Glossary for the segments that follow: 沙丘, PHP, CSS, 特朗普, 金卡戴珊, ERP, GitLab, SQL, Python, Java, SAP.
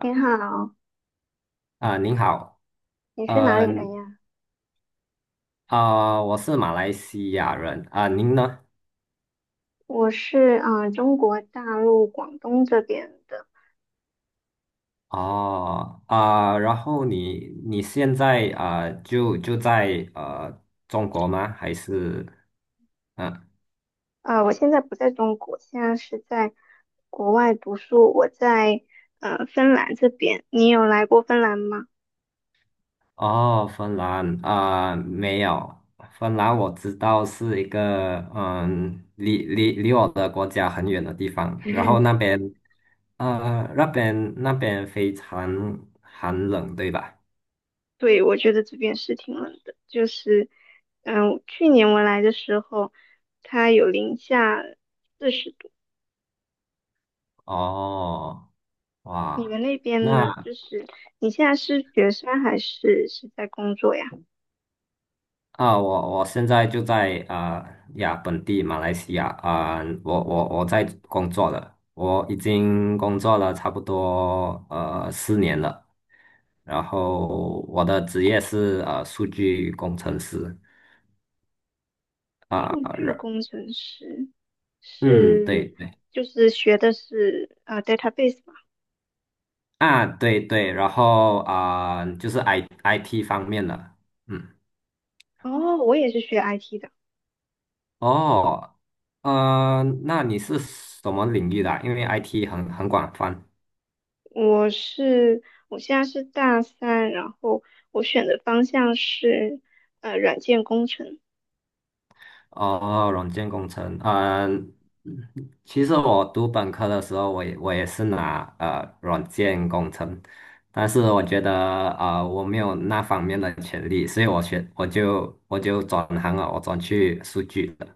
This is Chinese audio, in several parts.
你好，啊，您好。你是哪呃里人呀？啊，我是马来西亚人啊，您呢？我是中国大陆广东这边的。哦，然后你现在就在中国吗？还是嗯、我现在不在中国，现在是在国外读书。我在芬兰这边。你有来过芬兰吗？哦，芬兰啊，没有。芬兰我知道是一个离我的国家很远的地方，然后那 边呃那边那边非常寒冷，对吧？对，我觉得这边是挺冷的，就是去年我来的时候，它有零下40度。哦。你们哇。那边呢？那，就是你现在是学生还是在工作呀？我现在就在呀，本地马来西亚啊，我在工作了。我已经工作了差不多四年了，然后我的职业是数据工程师啊。数据然工程师，嗯，对是，对。就是学的是database 嘛。啊，对对，然后就是 IT 方面的。嗯。哦，我也是学 IT 的，哦。那你是什么领域的啊，因为 IT 很广泛。我是我现在是大三，然后我选的方向是软件工程，哦，软件工程。嗯。其实我读本科的时候，我也是拿软件工程，但是我觉得我没有那方面的潜力，所以我就转行了，我转去数据了。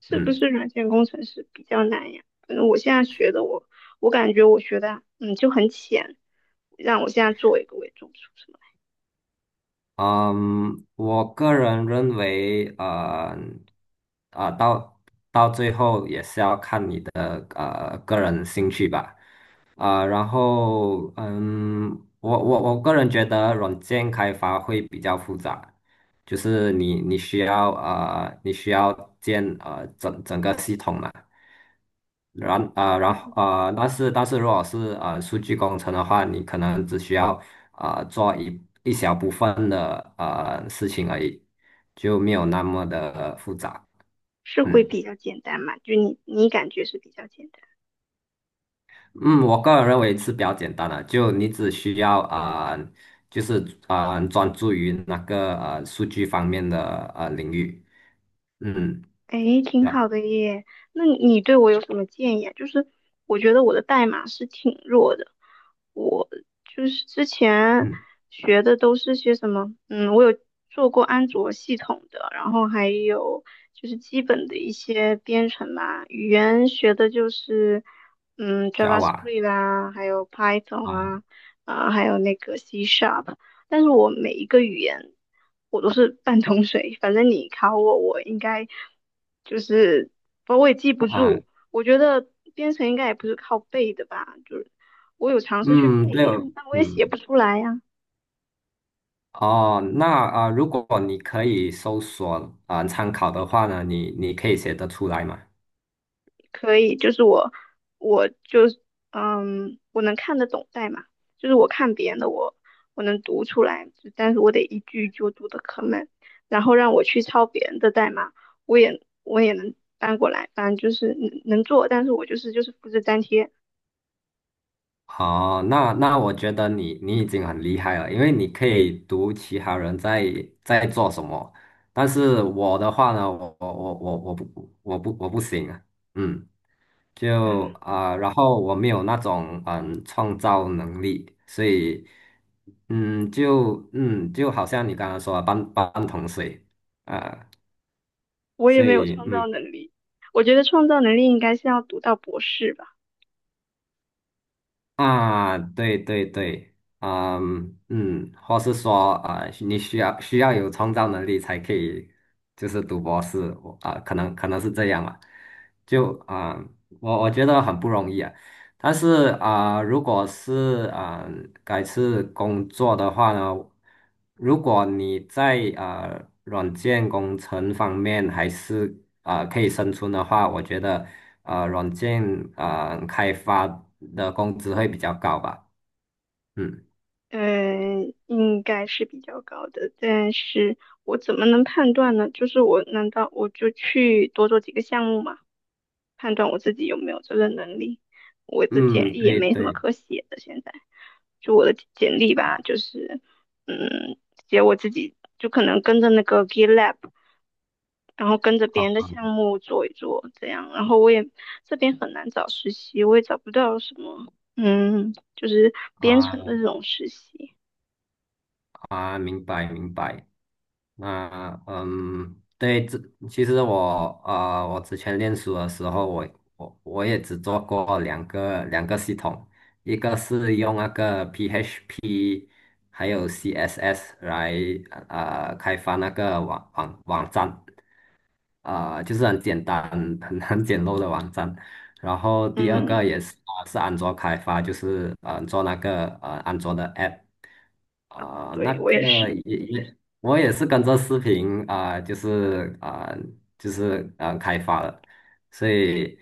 是不嗯是软件工程师比较难呀？反正我现在学的，我感觉我学的就很浅，让我现在做一个我也做不出什么嗯。我个人认为，啊、到到最后也是要看你的。然后我个人觉得软件开发会比较复杂，就是你需要啊，你需要整整个系统嘛。然来，后啊，但是如果是数据工程的话，你可能只需要做一小部分的事情而已，就没有那么的复杂。是会嗯。比较简单嘛？就你感觉是比较简单。嗯，我个人认为是比较简单的，就你只需要就是专注于那个数据方面的领域。嗯。诶，挺啊。好的耶。那你对我有什么建议啊？就是我觉得我的代码是挺弱的，我就是之前嗯学的都是些什么，我有做过安卓系统的，然后还有就是基本的一些编程吧，语言学的就是，，Java JavaScript 啦，还有 Python 啊啊，还有那个 C Sharp。但是我每一个语言我都是半桶水，反正你考我，我应该就是我也记不啊。住。我觉得编程应该也不是靠背的吧，就是我有尝试去嗯，对背，哦。但我也嗯。写不出来呀、哦，那如果你可以搜索参考的话呢，你可以写得出来吗？可以，就是我，我就，是，我能看得懂代码，就是我看别人的，我能读出来，就但是我得一句一句读的可慢，然后让我去抄别人的代码，我也能搬过来，反正就是能做，但是我就是复制粘贴，哦，那，我觉得你已经很厉害了，因为你可以读其他人在做什么。但是我的话呢，我我我我我不我不我不行啊。嗯。啊，然后我没有那种创造能力，所以就好像你刚刚说的半桶水啊。我也所没有以创嗯。造能力，我觉得创造能力应该是要读到博士吧。啊，对对对。嗯嗯。或是说你需要有创造能力才可以，就是读博士，我可能是这样吧。就啊、我觉得很不容易啊。但是啊，如果改次工作的话呢，如果你在软件工程方面还是可以生存的话，我觉得软件开发的工资会比较高吧。嗯嗯，应该是比较高的，但是我怎么能判断呢？就是难道我就去多做几个项目嘛，判断我自己有没有这个能力？我的简嗯。历也对没什么对，可写的，现在就我的简历吧，就是嗯，写我自己，就可能跟着那个 GitLab，然后跟着别人的好。项目做一做这样，然后这边很难找实习，我也找不到什么，就是编程啊的这种实习，啊，明白明白。那嗯，对，其实我之前练书的时候，我也只做过两个系统，一个是用那个 PHP 还有 CSS 来开发那个网站，就是很简单，很简陋的网站。然后第二嗯。个也是安卓开发，就是做那个安卓的 app。那对，我也个是，也，我也是跟着视频就是啊，开发的，所以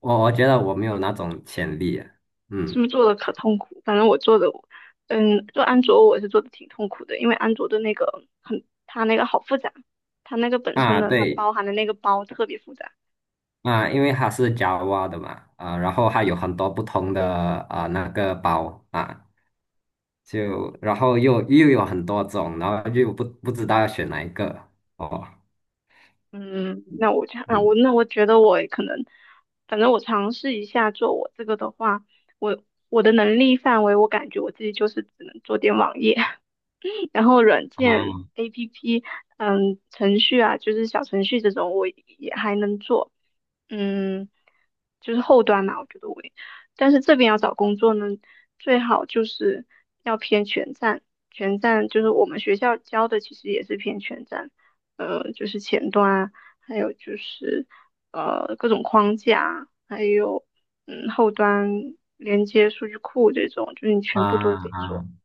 我觉得我没有那种潜力啊。是不嗯。是做的可痛苦？反正我做的，做安卓我是做的挺痛苦的，因为安卓的那个很，它那个好复杂，它那个本身啊，的它对包含的那个包特别复杂。啊，因为它是 Java 的嘛，然后它有很多不同的那个包啊，就然后又有很多种，然后又不知道要选哪一个。哦。嗯，那我就我嗯。那我觉得我可能，反正我尝试一下做我这个的话，我我的能力范围，我感觉我自己就是只能做点网页，然后软件 啊 APP，程序啊，就是小程序这种，我也还能做，嗯，就是后端嘛，我觉得我也，但是这边要找工作呢，最好就是要偏全站，全站就是我们学校教的，其实也是偏全站，就是前端啊，还有就是各种框架啊还有后端连接数据库这种，就是你全部啊都得做。啊。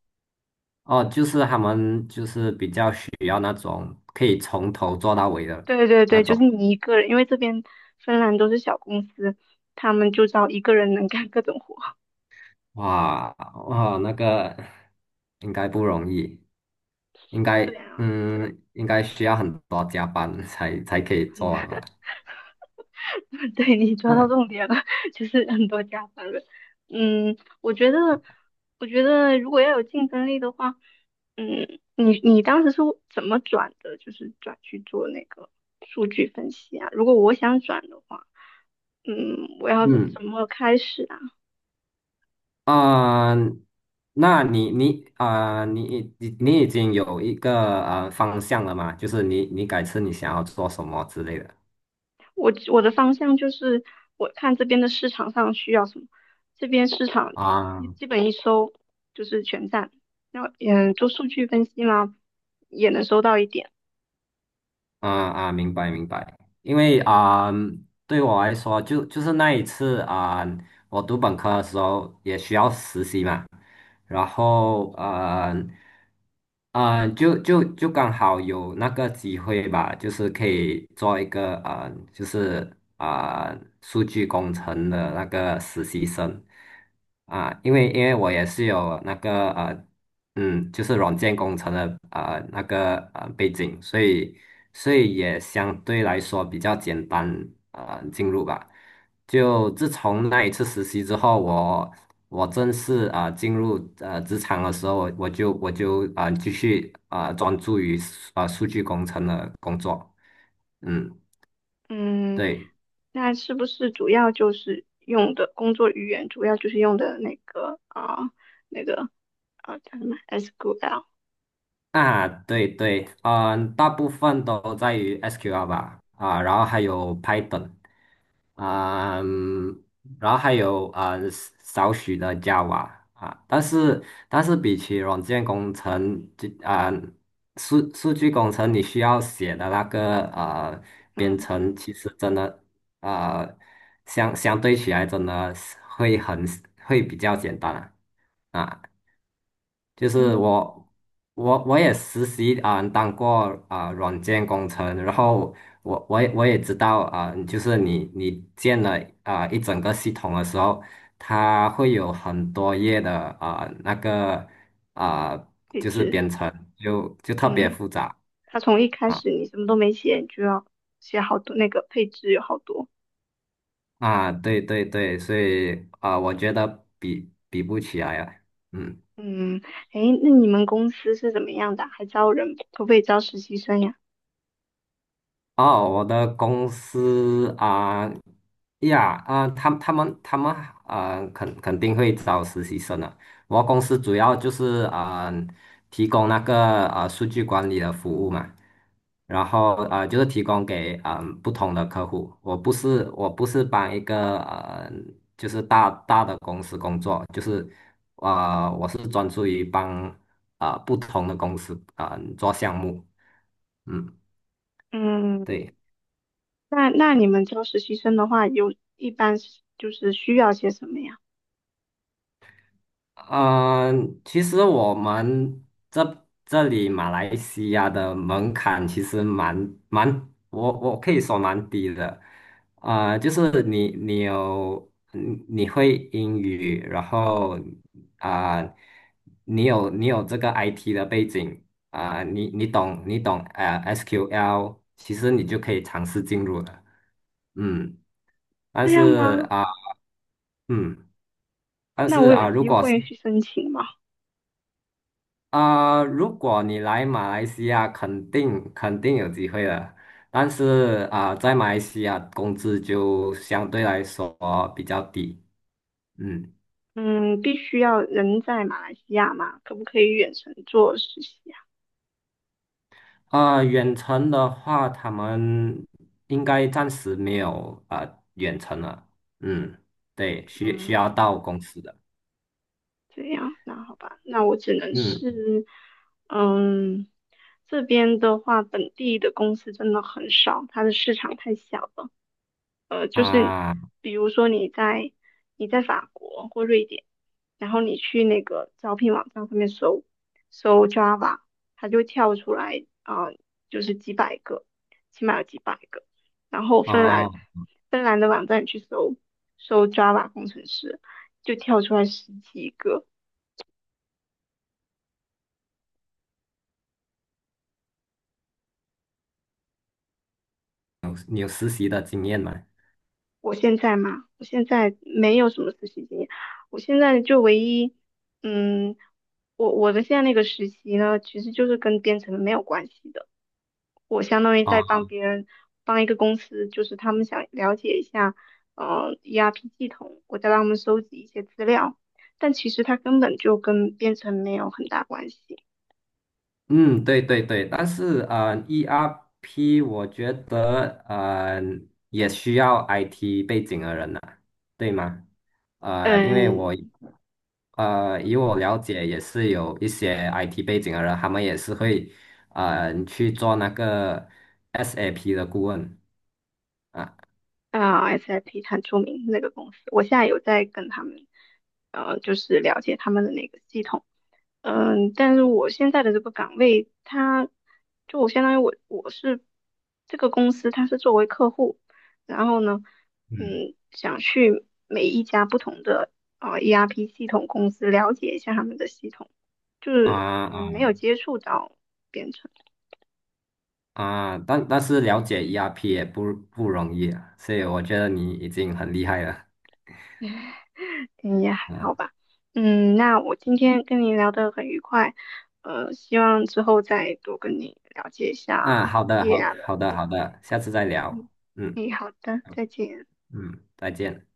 哦，就是他们就是比较需要那种可以从头做到尾的对对那对，就是种。你一个人，因为这边芬兰都是小公司，他们就招一个人能干各种活。哇，哇，那个应该不容易，应 该，对啊，嗯，应该需要很多加班才可以做完吧？对你抓到那重点了，就是很多加班的。嗯，我觉得，我觉得如果要有竞争力的话，你当时是怎么转的？就是转去做那个数据分析啊？如果我想转的话，我要嗯，怎么开始啊？啊、那你已经有一个方向了嘛？就是你改次你想要做什么之类的我的方向就是我看这边的市场上需要什么，这边市场啊？一基本一搜就是全站，然后做数据分析嘛，也能搜到一点，啊啊，明白明白。因为对我来说，就是那一次啊，我读本科的时候也需要实习嘛。然后就刚好有那个机会吧，就是可以做一个数据工程的那个实习生，因为我也是有那个就是软件工程的那个背景，所以也相对来说比较简单进入吧。就自从那一次实习之后，我正式进入职场的时候，我就继续专注于数据工程的工作。嗯，嗯，对。那是不是主要就是用的工作语言，主要就是用的那个叫什么 SQL，啊，对对，嗯，大部分都在于 SQL 吧，然后还有 Python。啊、嗯，然后还有少许的 Java 啊。但是比起软件工程，数据工程你需要写的那个编嗯，程，其实真的，呃相对起来真的是会比较简单。啊啊。就是嗯，我，我也实习当过软件工程，然后我也知道就是你建了一整个系统的时候，它会有很多页的那个啊、配就是置，编程，就特别嗯，复杂。它从一开啊始你什么都没写，你就要写好多那个配置有好多。啊，对对对，所以我觉得比不起来啊。嗯。嗯，诶，那你们公司是怎么样的啊还招人，可不可以招实习生呀？哦，我的公司啊，呀啊，他们啊，肯定会招实习生的。我公司主要就是提供那个数据管理的服务嘛，然后就是提供给不同的客户。我不是帮一个就是大的公司工作，就是我是专注于帮不同的公司做项目。嗯，嗯，对。那你们招实习生的话，有一般是就是需要些什么呀？嗯，其实我们这里马来西亚的门槛其实蛮，我可以说蛮低的，就是你会英语，然后啊、你有这个 IT 的背景，你懂SQL，其实你就可以尝试进入了。嗯。但这样是吗？啊、嗯，但那是我有啊、机会去申请吗？如果你来马来西亚，肯定有机会的。但是在马来西亚工资就相对来说比较低。嗯。嗯，必须要人在马来西亚吗？可不可以远程做实习呀？远程的话，他们应该暂时没有远程了。嗯，对，需要嗯，到公司的。这样，那好吧，那我只能嗯是，嗯，这边的话，本地的公司真的很少，它的市场太小了。啊，比如说你在法国或瑞典，然后你去那个招聘网站上面搜搜 Java，它就跳出来就是几百个，起码有几百个。然后芬哦，兰芬兰的网站去搜搜 Java 工程师，就跳出来十几个。你有实习的经验吗？我现在嘛，我现在没有什么实习经验，我现在就唯一，嗯，我的现在那个实习呢，其实就是跟编程没有关系的。我相当于在哦。帮别人，帮一个公司，就是他们想了解一下，ERP 系统，我在帮他们收集一些资料，但其实它根本就跟编程没有很大关系。嗯，对对对，但是ERP 我觉得也需要 IT 背景的人呐，对吗？因为嗯，以我了解，也是有一些 IT 背景的人，他们也是会去做那个 SAP 的顾问啊。SIP 很出名那个公司，我现在有在跟他们，就是了解他们的那个系统，但是我现在的这个岗位，它就我相当于我是这个公司，它是作为客户，然后呢，嗯。想去每一家不同的ERP 系统公司了解一下他们的系统，就啊是没啊有接触到编程。啊，但是了解 ERP 也不容易啊，所以我觉得你已经很厉害了。嗯，也还嗯。好吧。那我今天跟你聊得很愉快，希望之后再多跟你了解一下啊，好的，业好，啊的。好的，好的，下次再嗯，聊。嗯。好的，再见。嗯，再见。